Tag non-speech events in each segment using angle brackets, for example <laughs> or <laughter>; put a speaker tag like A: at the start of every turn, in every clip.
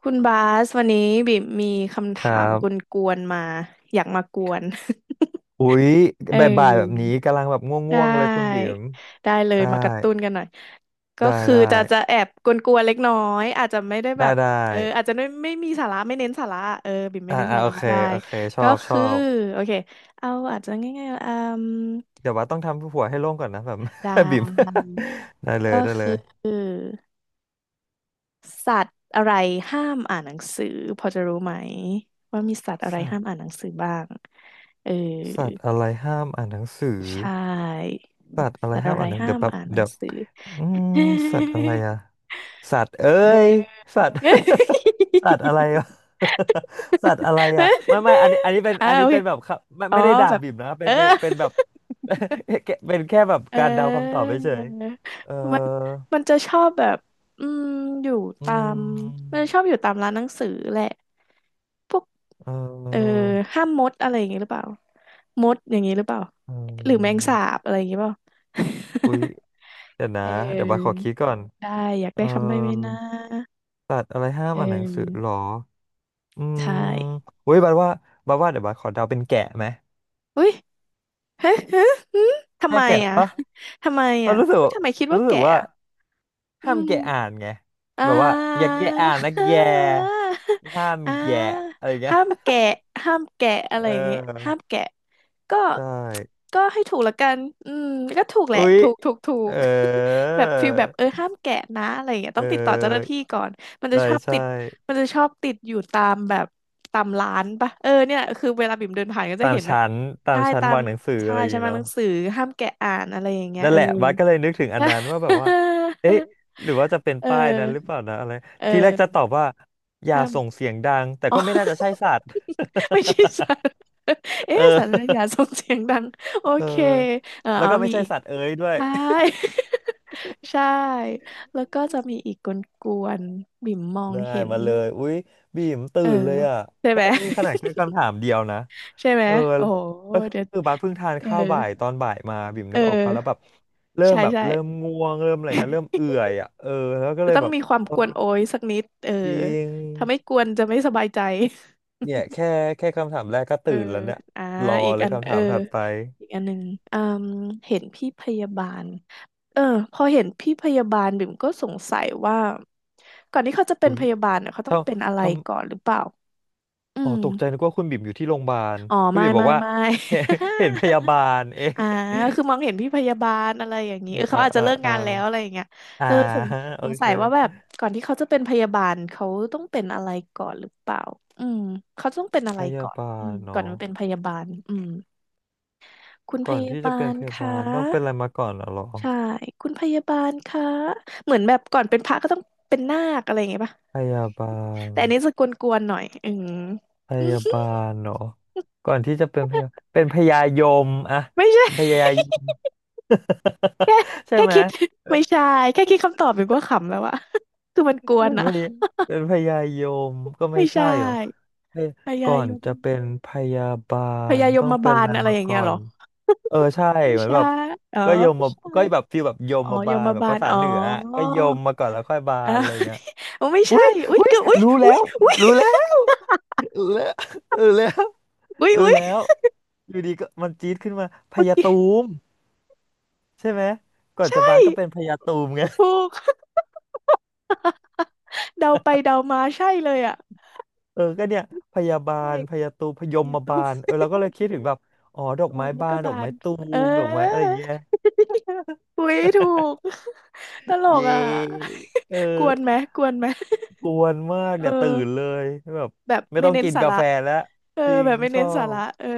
A: คุณบาสวันนี้บิ่มมีคำ
B: ครั
A: ถามก
B: บ
A: วนๆมาอยากมากวน
B: อุ๊ย
A: <laughs> เออ
B: บ่ายๆแบบนี้ กำลังแบบง
A: ได้
B: ่วงๆเลยคุณบิ๋ม
A: ได้เลย
B: ได้
A: มากระตุ้นกันหน่อยก็
B: ได้
A: คือ
B: ได้
A: จะแอบกวนๆเล็กน้อยอาจจะไม่ได้แบ
B: ได้
A: บ
B: ได้
A: เอออาจจะไม่มีสาระไม่เน้นสาระเออบิ่มไม่เน้นสา
B: โอ
A: ระ
B: เค
A: ได้
B: โอเค ชอ
A: ก็
B: บ ช
A: คื
B: อ
A: อ
B: บ
A: โอเคเอาอาจจะง่ายๆอืม
B: เดี๋ยวว่าต้องทำหัวให้โล่งก่อนนะแบบ
A: ได
B: <laughs> บิ๋ม
A: ้
B: <laughs> ได้เล
A: ก็
B: ย ได้เลย
A: คือ สัตว์อะไรห้ามอ่านหนังสือพอจะรู้ไหมว่ามีสัตว์อะไร
B: สัต
A: ห้าม
B: ว์
A: อ่านหนังสือบ้างเออ
B: สัตว์อะไรห้ามอ่านหนังสือ
A: ใช่
B: สัตว์อะไร
A: สัตว์
B: ห้า
A: อะ
B: ม
A: ไร
B: อ่านหนัง
A: ห้า
B: เดี๋ยว
A: ม
B: แป๊บ
A: อ่านหนั
B: เดี๋
A: ง
B: ยว
A: สือ
B: อืม
A: <laughs>
B: สัตว์อะไรอะสัตว์เอ้
A: เออ
B: ยสัตว์ <laughs> สัตว์อะไรวะ <laughs> สัตว์อะไรอะไม่อันนี้อันนี้เป็น
A: <laughs> อ่า
B: อัน
A: โอ
B: นี้
A: เค
B: เป็นแบบครับไม่
A: อ๋อ
B: ไม่ได้ด่า
A: แบบ
B: บิ่มนะเป็
A: เอ
B: น
A: อ
B: เป็นเป็นแบบ
A: <laughs>
B: <laughs> เป็นแค่แบบ
A: เอ
B: การเดาคำตอบเฉยๆเออ
A: อ มันจะชอบแบบอืมอยู่
B: อื
A: ตามมัน
B: ม
A: จะชอบอยู่ตามร้านหนังสือแหละพวก
B: เ
A: เออ
B: ออ
A: ห้ามมดอะไรอย่างงี้หรือเปล่ามดอย่างงี้หรือเปล่า
B: อื
A: หรือแมงสา
B: ม
A: บอะไรอย่างงี้เปล่า
B: อุ๊ยเดี๋ยวนะ
A: <laughs>
B: เดี๋ยวบาสขอ
A: เออ
B: คิดก่อน
A: ได้อยาก
B: เออ
A: ได้คำใบ้ไหมนะ
B: สัตว์อะไรห้าม
A: เอ
B: อ่านหนังสือหร
A: อ
B: อ อืม
A: ใช่
B: เว้ยบัดว่าบัดว่าเดี๋ยวบัดขอเดาเป็นแกะไหม
A: อุ้ยเฮ้ยเฮ้ยหืมทำ
B: ใช่
A: ไม
B: แกะ
A: อ่ะ
B: ปะ
A: <laughs> ทำไม
B: เรา
A: อ่ะ
B: รู้สึก
A: เฮ้ยทำไมคิดว่า
B: รู้สึก
A: แก่
B: ว่า
A: อะอื
B: ห้าม
A: ม
B: แกะอ่านไง
A: อ่า
B: แบบว่าอย่าแกะอ่านนะแกห้าม
A: <laughs> อ่า
B: แกะอะไรอย่างเงี้ย
A: ห้ามแกะห้ามแกะ
B: <laughs>
A: อะไร
B: เ
A: อย่างเงี้ยห้า
B: ออ
A: มแกะก็
B: ใช่
A: ก็ให้ถูกละกันอืมก็ถูกแห
B: อุ๊
A: ละ
B: ย
A: ถูกถูกถู
B: เอ
A: ก
B: อ
A: <laughs> แบบฟิลแบบเออห้ามแกะนะอะไรอย่างเงี้ย
B: เอ
A: ต้องติดต่อเจ้าหน้า
B: อ
A: ที่ก่อนมันจะ
B: ใช่
A: ชอบ
B: ใช่
A: ติดมันจะชอบติดอยู่ตามแบบตามร้านปะเออเนี่ยคือเวลาบิ่มเดินผ่านก็จะ
B: ตาม
A: เห็นแบบ
B: ชั้นตา
A: ใช่
B: มชั้น
A: ตาม
B: วางหนังสือ
A: ใช่
B: อะไรอย่าง
A: ฉัน
B: เงี้ย
A: มาห
B: เนาะ
A: นังสือห้ามแกะอ่านอะไรอย่างเงี้ย
B: นั่น
A: เอ
B: แห
A: อ
B: ละบัสก็เลยนึกถึงอันนั้นว่าแบบว่าเอ๊ะหรือว่าจะเป็น
A: <laughs> เออ
B: ป้ายนั้นหรือเปล่านะอะไร
A: เออ
B: ทีแรกจะตอบว่าอย่า
A: ห้าม
B: ส่งเสียงดังแต่
A: อ๋อ
B: ก็ไม่น่าจะใช่สัตว์
A: <laughs> ไม่ใช่สัร
B: <laughs> เอ
A: เอ๊ะ
B: อ
A: สัรนะอย่าส่งเสียงดัง โอ
B: เออ
A: เค เออ
B: แล้ว
A: อ๋อ
B: ก็ไม่
A: มี
B: ใช่
A: อีก
B: สัตว์เอ้ยด้วย
A: ใช่ <laughs> ใช่ แล้วก็จะมีอีกกวนๆบิ่มมอ
B: <laughs>
A: ง
B: ได้
A: เห็น
B: มาเลยอุ๊ยบีมตื่
A: เออ
B: นเลยอ่ะ
A: ใช่
B: แค่
A: ไหม
B: นี่ขนาดแค่คำถามเดียวนะ
A: <laughs> ใช่ไหม
B: เออ
A: โอ้โห
B: ก็ค
A: เดี๋ยว
B: ือบัสเพิ่งทาน
A: เออ
B: ข้าวบ่ายตอนบ่ายมาบิ่ม
A: เ
B: นึกออกปะแล้วแบ
A: ออ
B: บเริ่ม
A: ใช่
B: แบบ
A: ใช่
B: เริ่มง่วงเริ่มอะไรเงี้ยเริ่ม
A: <laughs>
B: เอื่อยอ่ะเออแล้วก็
A: จะ
B: เลย
A: ต้อง
B: แบบ
A: มีความ
B: เออ
A: กวนโอยสักนิดเออ
B: จริง
A: ถ้าไม่กวนจะไม่สบายใจ
B: เนี่ยแค่แค่คำถามแรกก็
A: เออ
B: ตื่นแล้วเนี่ย
A: อ่า
B: รอ
A: อีก
B: เลย
A: อัน
B: คำ
A: เอ
B: ถา
A: อ
B: มถัดไป
A: อีกอันหนึ่งอืมเห็นพี่พยาบาลเออพอเห็นพี่พยาบาลบิ่มก็สงสัยว่าก่อนที่เขาจะเป็น
B: อุ๊ย
A: พยาบาลเนี่ยเขาต้อ
B: ถ้า
A: งเป็นอะไร
B: ทำ
A: ก่อนหรือเปล่าอื
B: อ๋อ
A: ม
B: ตกใจนึกว่าคุณบิ่มอยู่ที่โรงพยาบาล
A: อ๋อ
B: คุณ
A: ไม่
B: บิ่มบอ
A: ไม่
B: กว่า
A: ไม่
B: <laughs> เห็นเห็นพยาบาลเอ๊ะ
A: <laughs> อ่า
B: <laughs>
A: คือมองเห็นพี่พยาบาลอะไรอย่างนี้
B: อ่า
A: เออเขา
B: อ่า
A: อาจจะ
B: อ่า
A: เลิก
B: อ่า
A: งานแล้วอะไรอย่างเงี้ย
B: อ่า
A: เออสง
B: <laughs> โอ
A: สงสั
B: เค
A: ยว่าแบบก่อนที่เขาจะเป็นพยาบาลเขาต้องเป็นอะไรก่อนหรือเปล่าอืมเขาต้องเป็นอะ
B: พ
A: ไร
B: ยา
A: ก่อน
B: บา
A: อื
B: ล
A: มก่อน
B: เนาะ
A: มาเป็นพยาบาลอืม คุณพ
B: ก่อน
A: ยา
B: ที่จะ
A: บา
B: เป็น
A: ล
B: พ
A: ค
B: ยาบาลต้องเป็นอะไร
A: ะ
B: มาก่อนเหรอ
A: ใช่คุณพยาบาลคะเหมือนแบบก่อนเป็นพระก็ต้องเป็นนาคอะไรอย่างเงี้ยป่ะ
B: พยาบาล
A: แต่อันนี้จะกวนๆหน่อยอืม
B: พยาบาลเนาะก่อนที่จะเป็นพยาเป็นพยายมอะ
A: <laughs> ไม่ใช่
B: พยายม <laughs>
A: <laughs> แค่
B: ใช่
A: แค่
B: ไหม
A: คิดไม่ใช่แค่คิดคำตอบอยู่ก็ขำแล้วอะ <laughs> คือมันกว
B: เป็
A: น
B: น
A: อะ
B: พยเป็นพยายมก็ไม่
A: ไม่
B: ใช่
A: ใช่
B: หรอเอ้ย
A: พยา
B: ก่อ
A: ย
B: น
A: ม
B: จะเป็นพยาบา
A: พ
B: ล
A: ยาย
B: ต้อง
A: ม
B: เป็
A: บา
B: นอะ
A: ล
B: ไร
A: อะไร
B: มา
A: อย่าง
B: ก่
A: เงี้
B: อ
A: ยเหร
B: น
A: อ
B: เออใช่
A: ไม่
B: เหมือน
A: ใช่
B: แบบ
A: อ๋อ
B: ก็ยม
A: ไม่
B: มา
A: ใช่
B: ก็แบบฟีลแบบยม
A: อ๋อ
B: มา
A: ย
B: บาล
A: ม
B: แบบ
A: บา
B: ภา
A: ล
B: ษา
A: อ๋อ
B: เหนืออะก็ยมมาก่อนแล้วค่อยบาล
A: อ้า
B: อะ
A: ว
B: ไรอย่างเงี้ย
A: <laughs> อ๋อ <laughs> ไม่
B: อุ้
A: ใช่
B: ย
A: อุ๊ย
B: อุ้ย
A: เกือบอุ๊ย
B: รู้แล้
A: อุ๊ย
B: ว
A: อุ๊ย
B: รู้แล้
A: <laughs>
B: วรู้แล้วรู้แล้ว
A: อุ๊ย
B: รู้
A: อุ๊ย
B: แล้วอยู่ดีก็มันจี๊ดขึ้นมาพ
A: เมื่อ
B: ยา
A: กี้
B: ตูมใช่ไหมก่อ
A: <laughs>
B: นจะ
A: ใช่
B: บาลก็เป็นพยาตูมไง
A: ถูก <laughs> เดาไปเดามาใช่เลยอ่ะ
B: เออก็เนี่ยพยาบา
A: ใช่
B: ลพยาตูพยม
A: เสียตู
B: บา
A: ม
B: ลเออเราก็เลยคิดถึงแบบอ๋อดอ
A: <laughs>
B: ก
A: ตู
B: ไม้
A: มแล้ว
B: บา
A: ก็
B: นดอก
A: บาน
B: ไม้ตู
A: เอ
B: มดอกไม้อะไรอ
A: อ
B: ย่างเงี้ย
A: <laughs> อุ้ยถูก <laughs> ตลก
B: เย้
A: อ่ะ
B: เออ
A: <laughs> กวนไหมกวนไหม
B: กวนมาก
A: เออ
B: เนี่ยตื่นเลยแบบ
A: แบบ
B: ไม่
A: ไม่
B: ต้อง
A: เน้น
B: กิน
A: สา
B: กา
A: ระ
B: แฟแล้ว
A: เออ
B: จริง
A: แบบไม่
B: ช
A: เน้
B: อ
A: นสา
B: บ
A: ระเออ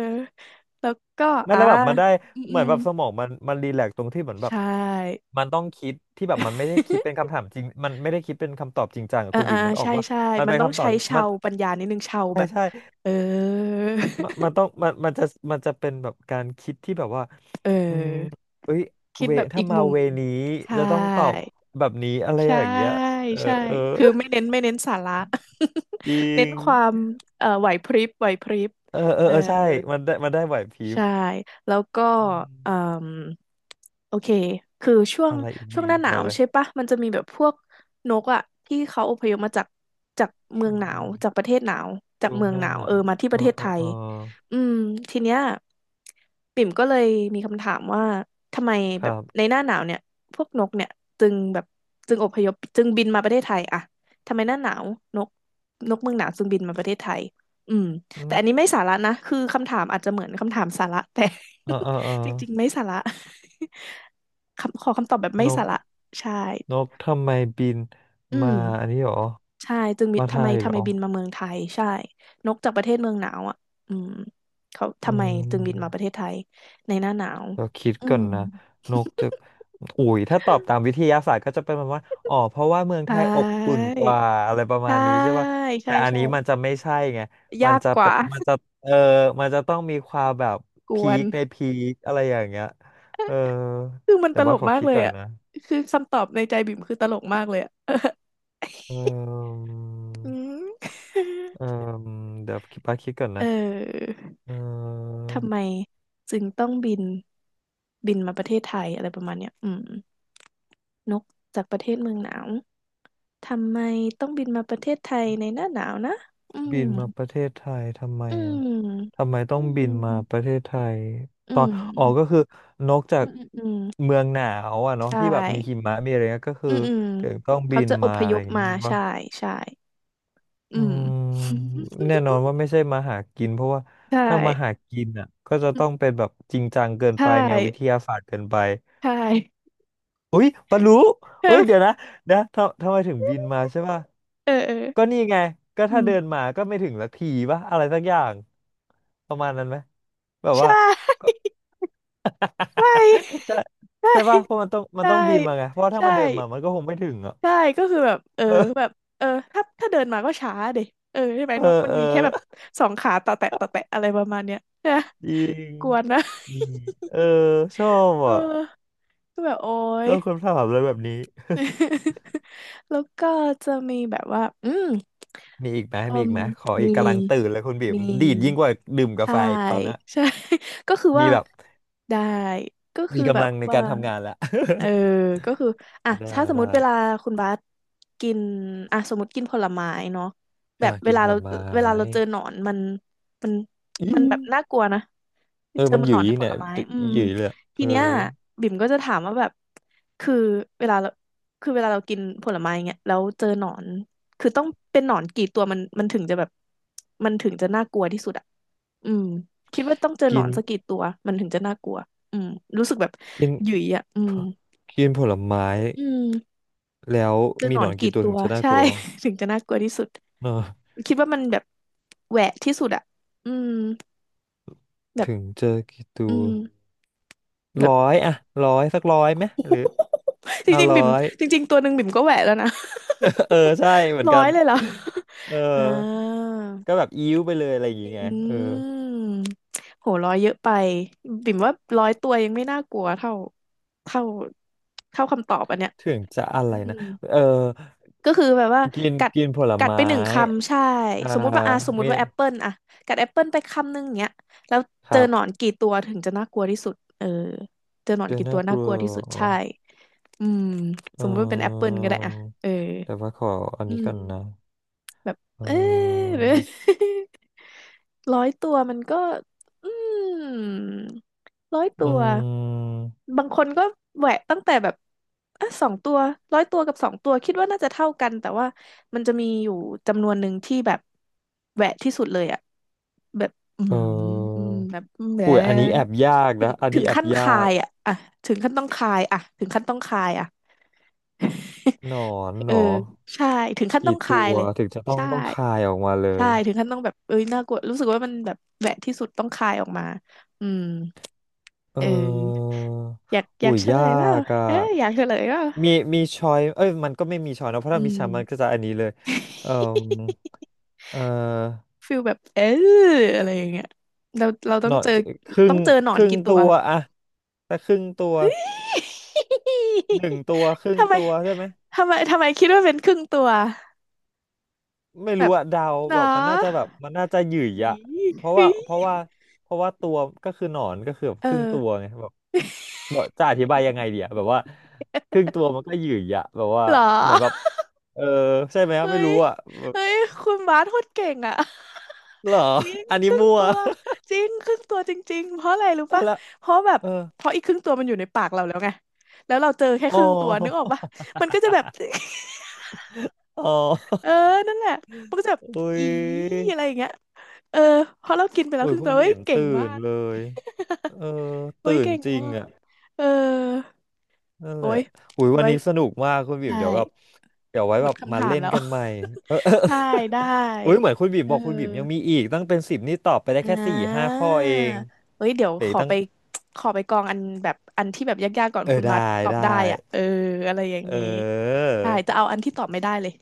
A: แล้วก็
B: ไม่
A: อ่า
B: แล้วแบบมันได้
A: อืม
B: เห
A: อื
B: มือน
A: ม
B: แบบสมองมันรีแลกซ์ตรงที่เหมือนแบ
A: ใช
B: บ
A: ่
B: มันต้องคิดที่แบบมันไม่ได้คิดเป็น
A: <laughs>
B: คำถามจริงมันไม่ได้คิดเป็นคำตอบจริงจังอะ
A: อ่า
B: คุณบิ
A: อ่า
B: วนึกออก
A: ใช่
B: ว่า
A: ใช่
B: มัน
A: มัน
B: เป็น
A: ต้อง
B: คำตอ
A: ใช้
B: บที่
A: เชา
B: มัน
A: วปัญญานิดนึงเชาวแบ
B: ไม่
A: บ
B: ใช่
A: เออ
B: มันมันต้องมันมันจะมันเป็นแบบการคิดที่แบบว่า
A: <laughs> เออ
B: อืมเอ้ย
A: คิด
B: เว
A: แบบอี
B: ถ้า
A: ก
B: มา
A: มุม
B: เวนี้
A: ใช่
B: จะต้องตอบแบบนี้อะไรอ
A: ใช่
B: ย่างเงี้ย เออ
A: ใช่
B: เออ
A: คือไม่เน้นสาระ
B: จริ
A: <laughs> เน้น
B: ง
A: ความเอ่อไหวพริบไหวพริบ
B: เออเออ
A: เออ
B: เออใช่ มันได้ไหวพริบ
A: ใช่แล้วก็
B: อื
A: เอ่
B: ม
A: มโอเคคือช่วง
B: อะไรอีก
A: ช่วง
B: ดี
A: หน้าหนา
B: มา
A: ว
B: เลย
A: ใช่ปะมันจะมีแบบพวกนกอะที่เขาอพยพมาจากจากเมือ
B: ช่
A: ง
B: วง
A: หนาวจากประเทศหนาวจาก
B: ช่วง
A: เมือง
B: ห
A: ห
B: น้า
A: นา
B: ห
A: ว
B: นา
A: เออ
B: ว
A: มาที่ป
B: เอ
A: ระ
B: อ
A: เทศ
B: เอ
A: ไท
B: อเอ
A: ย
B: อ
A: อืมทีเนี้ยปิ่มก็เลยมีคำถามว่าทำไม
B: ค
A: แบ
B: รั
A: บใน
B: บ
A: หน้าหนาวเนี่ยพวกนกเนี่ยจึงแบบจึงอพยพจึงบินมาประเทศไทยอะทำไมหน้าหนาวนกนกเมืองหนาวจึงบินมาประเทศไทยอืม แต่
B: เน
A: อันนี้ไม่สาระนะ คือคำถามอาจจะเหมือนคำถามสาระแต่
B: เออ
A: <laughs> จริงๆไม่สาระ <laughs> คำขอคำตอบแบบไม่
B: น
A: สา
B: ก
A: ระใช่
B: นกทำไมบิน
A: อืม
B: มาอันนี้หรอ
A: ใช่จึงมี
B: มาไท
A: ทำไม
B: ยห
A: ทำ
B: ร
A: ไม
B: อ
A: บินมาเมืองไทยใช่นกจากประเทศเมืองหนาวอ่ะอืมเขา
B: อื
A: ทำไมจึงบินมาประเท
B: ม
A: ศไทยในหน้าหนาว
B: เราคิด
A: อื
B: ก่อ
A: ม
B: นนะนกจะอุ๋ยถ้าตอบตามวิทยาศาสตร์ก็จะเป็นประมาณว่าอ๋อเพราะว่าเมือง
A: ใช
B: ไทยอบอุ่
A: ่
B: นกว่าอะไรประมา
A: ใช่
B: ณนี้ใช่ป่ะ
A: ใช่
B: แต่อัน
A: ใช่
B: นี้มันจะไม่ใช่ไงมั
A: ยา
B: น
A: ก
B: จะ
A: ก
B: เป็
A: ว่า
B: นมันจะเออมันจะต้องมีความแบบ
A: <laughs> กว
B: พี
A: น
B: คในพีคอะไรอย่างเงี้ยเออ
A: คือมัน
B: แต่
A: ตล
B: ว่า
A: ก
B: ขอ
A: มาก
B: คิด
A: เลย
B: ก่อน
A: อ่ะ
B: นะ
A: คือคำตอบในใจบิ่มคือตลกมากเลยอ่ะ
B: เออ
A: <laughs> อืม
B: เออเดี๋ยวคิดบ้าคิดก่อน
A: เ
B: นะ
A: ออ
B: เออ
A: ทำไมจึงต้องบินบินมาประเทศไทยอะไรประมาณเนี้ยอืมนกจากประเทศเมืองหนาวทำไมต้องบินมาประเทศไทยในหน้าหนาวนะอืม
B: บินมาประเทศไทยทำไม
A: อื
B: อ่ะ
A: ม
B: ทำไมต้
A: อื
B: อง
A: ม
B: บินมาประเทศไทย
A: อื
B: ตอนออกก็
A: ม
B: คือนอกจา
A: อื
B: ก
A: มอืม
B: เมืองหนาวอ่ะเนาะ
A: ใช่
B: ที่แบบมีหิมะมีอะไรเงี้ยก็คื
A: อื
B: อ
A: มอืม
B: ถึงต้องบิ
A: เขา
B: น
A: จะอ
B: มา
A: พ
B: อะ
A: ย
B: ไรอ
A: พ
B: ย่างเงี้ย
A: มา
B: ใช่ปะ
A: ใช่ใช่อื
B: อื
A: ม
B: มแน่นอนว่าไม่
A: <laughs>
B: ใช่มาหากินเพราะว่า
A: ใช่
B: ถ้ามาหากินอ่ะก็จะต้องเป็นแบบจริงจังเกินไป
A: ใช่
B: แนววิทยาศาสตร์เกินไป
A: ใช่ <laughs>
B: อุ้ยปะรู้เอ้ยเดี๋ยวนะนะทำไมถึงบินมาใช่ป่ะ
A: เออเออ
B: ก็นี่ไงก็
A: อื
B: ถ้า
A: ม
B: เดินมาก็ไม่ถึงสักทีป่ะอะไรสักอย่างประมาณนั้นไหมแบบ
A: ใช
B: ว่า
A: ่
B: ก็
A: ใช
B: <laughs> ใช่
A: ่ใช่
B: ใช่ป่ะเพราะมันต้องมัน
A: ใช่
B: ต้องบินมาไงเพราะว่าถ้า
A: ใช่
B: มันเดินมามันก็คงไม่ถึงอ่ะ
A: ใช่ก็คือแบบเออแบบเออถ้าเดินมาก็ช้าเด็เออใช่ไหม
B: เอ
A: นก
B: อ
A: มัน
B: เออ
A: มีแค่แบบสองขาต่อแตะต่อแตะ
B: <laughs>
A: อะไรประมาณเนี้ยใช่ไหม
B: จริง
A: กวนนะ
B: มีเออชอบ
A: เออ
B: อ่ะ
A: ก็แบบโอ๊
B: ช
A: ย
B: อบคำถามอะไรแบบนี้
A: <laughs> แล้วก็จะมีแบบว่าอืม
B: มีอีกไหม
A: เอ
B: มีอี
A: ม
B: กไหมขออี
A: มี
B: กกำลังตื่นเลยคุณบิ่
A: ม
B: ม
A: ี
B: ดีดยิ่งกว่าดื่มกา
A: ใช่
B: แฟอีกตอนนะ
A: ใช่ <laughs> ก็คือ
B: มี
A: ว่า
B: แบบ
A: ได้ก็คื
B: มี
A: อแบ
B: กำ
A: บ
B: ลังใน
A: ว่า
B: การทำงานแล้ว
A: เออก็คืออ่ะ
B: <laughs> ได้
A: ถ้าสมมติเวลา
B: ได้
A: คุณบาสกินอ่ะสมมติกินผลไม้เนาะแบ
B: อ่า
A: บเว
B: กิน
A: ลา
B: ผ
A: เรา
B: ลไม้
A: เจอหนอนมัน
B: อี
A: มันแบบน่ากลัวนะ
B: เออ
A: เจอ
B: มัน
A: มัน
B: หยื
A: หนอ
B: ย
A: นในผ
B: เนี่
A: ล
B: ย
A: ไม้อืม
B: หยืยเลยอะเอ
A: ที
B: อ
A: เนี้ยบิ่มก็จะถามว่าแบบคือเวลาเราคือเวลาเรากินผลไม้เงี้ยแล้วเจอหนอนคือต้องเป็นหนอนกี่ตัวมันถึงจะแบบมันถึงจะน่ากลัวที่สุดอะอืมคิดว่าต้องเจอหน
B: กิ
A: อ
B: น
A: นสักกี่ตัวมันถึงจะน่ากลัวอืมรู้สึกแบบ
B: กิน
A: หยิ่ยอะอื
B: ผ
A: ม
B: กินผลไม้
A: อืม
B: แล้ว
A: เจอ
B: มี
A: หนอ
B: หน
A: น
B: อนกี่
A: กี่
B: ตัว
A: ตั
B: ถึ
A: ว
B: งจะน่า
A: ใช่
B: กลัว
A: <laughs> ถึงจะน่ากลัวที่สุด
B: เนอะ
A: คิดว่ามันแบบแหวะที่สุดอะอืมแบบ
B: ถึงเจอกี่ตั
A: อื
B: ว
A: มแบ
B: ร้
A: บ
B: อยอะร้อยสักร้อยไหมหรือ
A: <laughs> จ
B: ห้า
A: ริงๆ
B: ร้อ
A: บิ่ม
B: ย
A: จริงๆตัวหนึ่งบิ่มก็แหวะแล้วนะ
B: <laughs> เออใช่เหมือ
A: <laughs>
B: น
A: ร้อ
B: กั
A: ย
B: น
A: เลยเหรอ
B: เออ
A: <laughs> อ่า
B: ก็แบบอิ้วไปเลยอะไรอย่าง
A: อื
B: เงี้ยเออ
A: มโหร้อยเยอะไปบิ่มว่าร้อยตัวยังไม่น่ากลัวเท่าเท่าคำตอบอันเนี้ย
B: ถึงจะอะไร
A: อืม
B: นะเออ
A: ก็คือแบบว่า
B: กิน
A: กัด
B: กินผล
A: กัดไป
B: ไม้
A: 1 คำใช่
B: อ่า
A: สมมุติว่าอ่ะสมมุ
B: มี
A: ติว่าแอปเปิลอ่ะกัดแอปเปิลไป1 คำเนี้ยแล้ว
B: ค
A: เจอ
B: รับ
A: หนอนกี่ตัวถึงจะน่ากลัวที่สุดเออเจอหนอน
B: เจอ
A: กี่ตั
B: น่า
A: ว
B: ก
A: น่า
B: ลั
A: ก
B: ว
A: ลัวที่สุด
B: อ๋อ
A: ใช่อืมส
B: เอ
A: มมุติว่าเป็นแอปเปิล
B: อ
A: ก็ได้อ่ะเออ
B: แต่ว่าขออัน
A: อื
B: นี้ก่อนนะ
A: ม แบบ
B: เ
A: เออ
B: ออ
A: ห <laughs> รือ <laughs> 100 ตัวมันก็อืมร้อย
B: อื
A: ตัว
B: ม
A: บางคนก็แหวะตั้งแต่แบบอ่ะสองตัว100 ตัวกับ 2 ตัวคิดว่าน่าจะเท่ากันแต่ว่ามันจะมีอยู่จำนวนหนึ่งที่แบบแหวะที่สุดเลยอะแบบอื
B: เอ
A: ม
B: อ
A: แบบแหม
B: อุ้ยอันนี้แอบยาก
A: ถึง
B: นะอัน
A: ถึ
B: นี้
A: ง
B: แอบ
A: ขั้น
B: ยา
A: คา
B: ก
A: ยอะอะถึงขั้นต้องคายอะถึงขั้นต้องคายอะ <laughs>
B: หนอนห
A: เอ
B: น
A: อ
B: อ
A: ใช่ถึงขั้นต้
B: กี่
A: อง
B: ตั
A: คาย
B: ว
A: เลย
B: ถึงจะต้อง
A: ใช่
B: ต้องคายออกมาเล
A: ใช่
B: ย
A: ถึงขั้นต้องแบบเอ้ยน่ากลัวรู้สึกว่ามันแบบแหวะที่สุดต้องคายออกมาอืม
B: เอ
A: เอ
B: อ
A: ออยากอ
B: อุ้
A: ยาก
B: ย
A: เฉล
B: ยา
A: ยเปล่า
B: กอ่ะ
A: เอออยากเฉลยเปล่า
B: มีมีชอยเอ้ยมันก็ไม่มีชอยนะเพราะ
A: อื
B: ถ้ามี
A: ม
B: ชอยมันก็จะอันนี้เลยเอ่อ
A: <laughs>
B: เอ่อ
A: ฟิลแบบเอออะไรอย่างเงี้ยเราต้อ
B: หน
A: ง
B: อ
A: เจอ
B: ครึ่
A: ต้อ
B: ง
A: งเจอหนอ
B: ค
A: น
B: รึ่ง
A: กี่ตั
B: ตั
A: ว
B: วอะถ้าครึ่งตัวหนึ่งตัวครึ่
A: <laughs>
B: ง
A: ทำไม
B: ตัวใช่ไหม
A: ทำไมคิดว่าเป็นครึ่งตัว
B: ไม่
A: แบ
B: รู้
A: บ
B: อะเดา
A: เนา
B: แบบมันน่าจะแบบ
A: ะ
B: มันน่าจะหยื่ยอะ
A: อี
B: เพราะ
A: เฮ้
B: ว่า
A: ย
B: เพราะว่าเพราะว่าตัวก็คือหนอนก็คือแบบ
A: เอ
B: ครึ่ง
A: อ
B: ตัวไงแบบจะอธิบายยังไงดีอะแบบว่าครึ่งตัวมันก็หยื่ยอะแบบว่า
A: เหรอ
B: เหมือนแบบเออใช่ไหม
A: เฮ้
B: ไม่
A: ย
B: รู้อะแบบ
A: เฮ้ยคุณบาสโคตรเก่งอ่ะ
B: เหรอ
A: <laughs> จริง
B: อัน
A: ค
B: นี้
A: รึ่ง
B: มั่ว
A: ตัวจริงครึ่งตัวจริงๆเพราะอะไรรู้
B: <laughs> เอา
A: ปะ
B: ละ
A: เพราะแบบ
B: เออ
A: เพราะอีกครึ่งตัวมันอยู่ในปากเราแล้วไงแล้วเราเจอแค่
B: อ๋
A: ค
B: อ
A: รึ่งตัวนึกออกปะ
B: <laughs>
A: มันก็จะแบบ <laughs>
B: อ๋อ
A: เออนั่นแหละมันก็จะแบบ
B: อุ้
A: อี
B: ย
A: อะไรอย่างเงี้ยเออเพราะเรากินไปแล้ว
B: อุ้
A: ค
B: ย
A: รึ่ง
B: คุ
A: ตั
B: ณ
A: ว
B: บี
A: เฮ้ย
B: ม
A: เก่ง
B: ตื่
A: มา
B: น
A: ก
B: เลยเออ
A: <laughs> เฮ้
B: ตื่
A: ย
B: น
A: เก่ง
B: จริ
A: มา
B: ง
A: ก
B: อ่ะ
A: เออ
B: นั่นแห
A: โอ้
B: ละ
A: ย
B: อุ้ยวัน
A: ไว้
B: นี้สนุกมากคุณบีม
A: ใช่
B: เดี๋ยวแบบเดี๋ยวไว้
A: หม
B: แบ
A: ด
B: บ
A: คำ
B: มา
A: ถา
B: เล่
A: ม
B: น
A: แล้ว
B: กันใหม่เออ <laughs>
A: <laughs> ใช่
B: อ
A: ได้
B: ุ้ยเหมือนคุณบีม
A: เอ
B: บ
A: อ
B: อกคุณบีมยังมีอีกตั้งเป็นสิบนี่ตอบไปได้
A: อ่
B: แค่สี่ห้า
A: า
B: ข้อเอง
A: เฮ้ยเดี๋ยว
B: เดี๋ย
A: ข
B: วอี
A: อ
B: กตั้ง
A: ไปขอไปกองอันแบบอันที่แบบยากๆก่อน
B: เอ
A: คุ
B: อ
A: ณบัส
B: ได้
A: ตอบ
B: ได้
A: ได้อ่ะเอออะไรอย่าง
B: เออ
A: นี้ใช่จะเอาอันที่ตอบไม่ได้เลย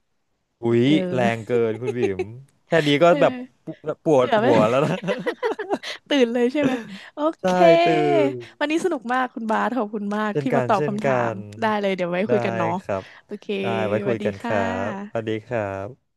B: อุ้ย
A: เออ
B: แรงเกินคุณบีม
A: <laughs>
B: แค่นี้ก็
A: เอ
B: แบบ
A: อ
B: ปวปว
A: เกื
B: ด
A: อบไหม
B: หัวแล้วนะ
A: <laughs> ตื่นเลยใช่ไหมโอ
B: <laughs>
A: เค
B: ใช่ตื่น
A: วันนี้สนุกมากคุณบาสขอบคุณมาก
B: เช่น
A: ที่
B: กั
A: มา
B: น
A: ตอบ
B: เช่น
A: คำถา
B: กั
A: ม
B: น
A: ได้เลยเดี๋ยวไว้คุ
B: ได้
A: ยกันเนาะ
B: ครับ
A: โอเค
B: ได้ไว้
A: ส
B: คุ
A: วัส
B: ย
A: ดี
B: กันค
A: ค่
B: รับสวัส
A: ะ
B: ดีครับ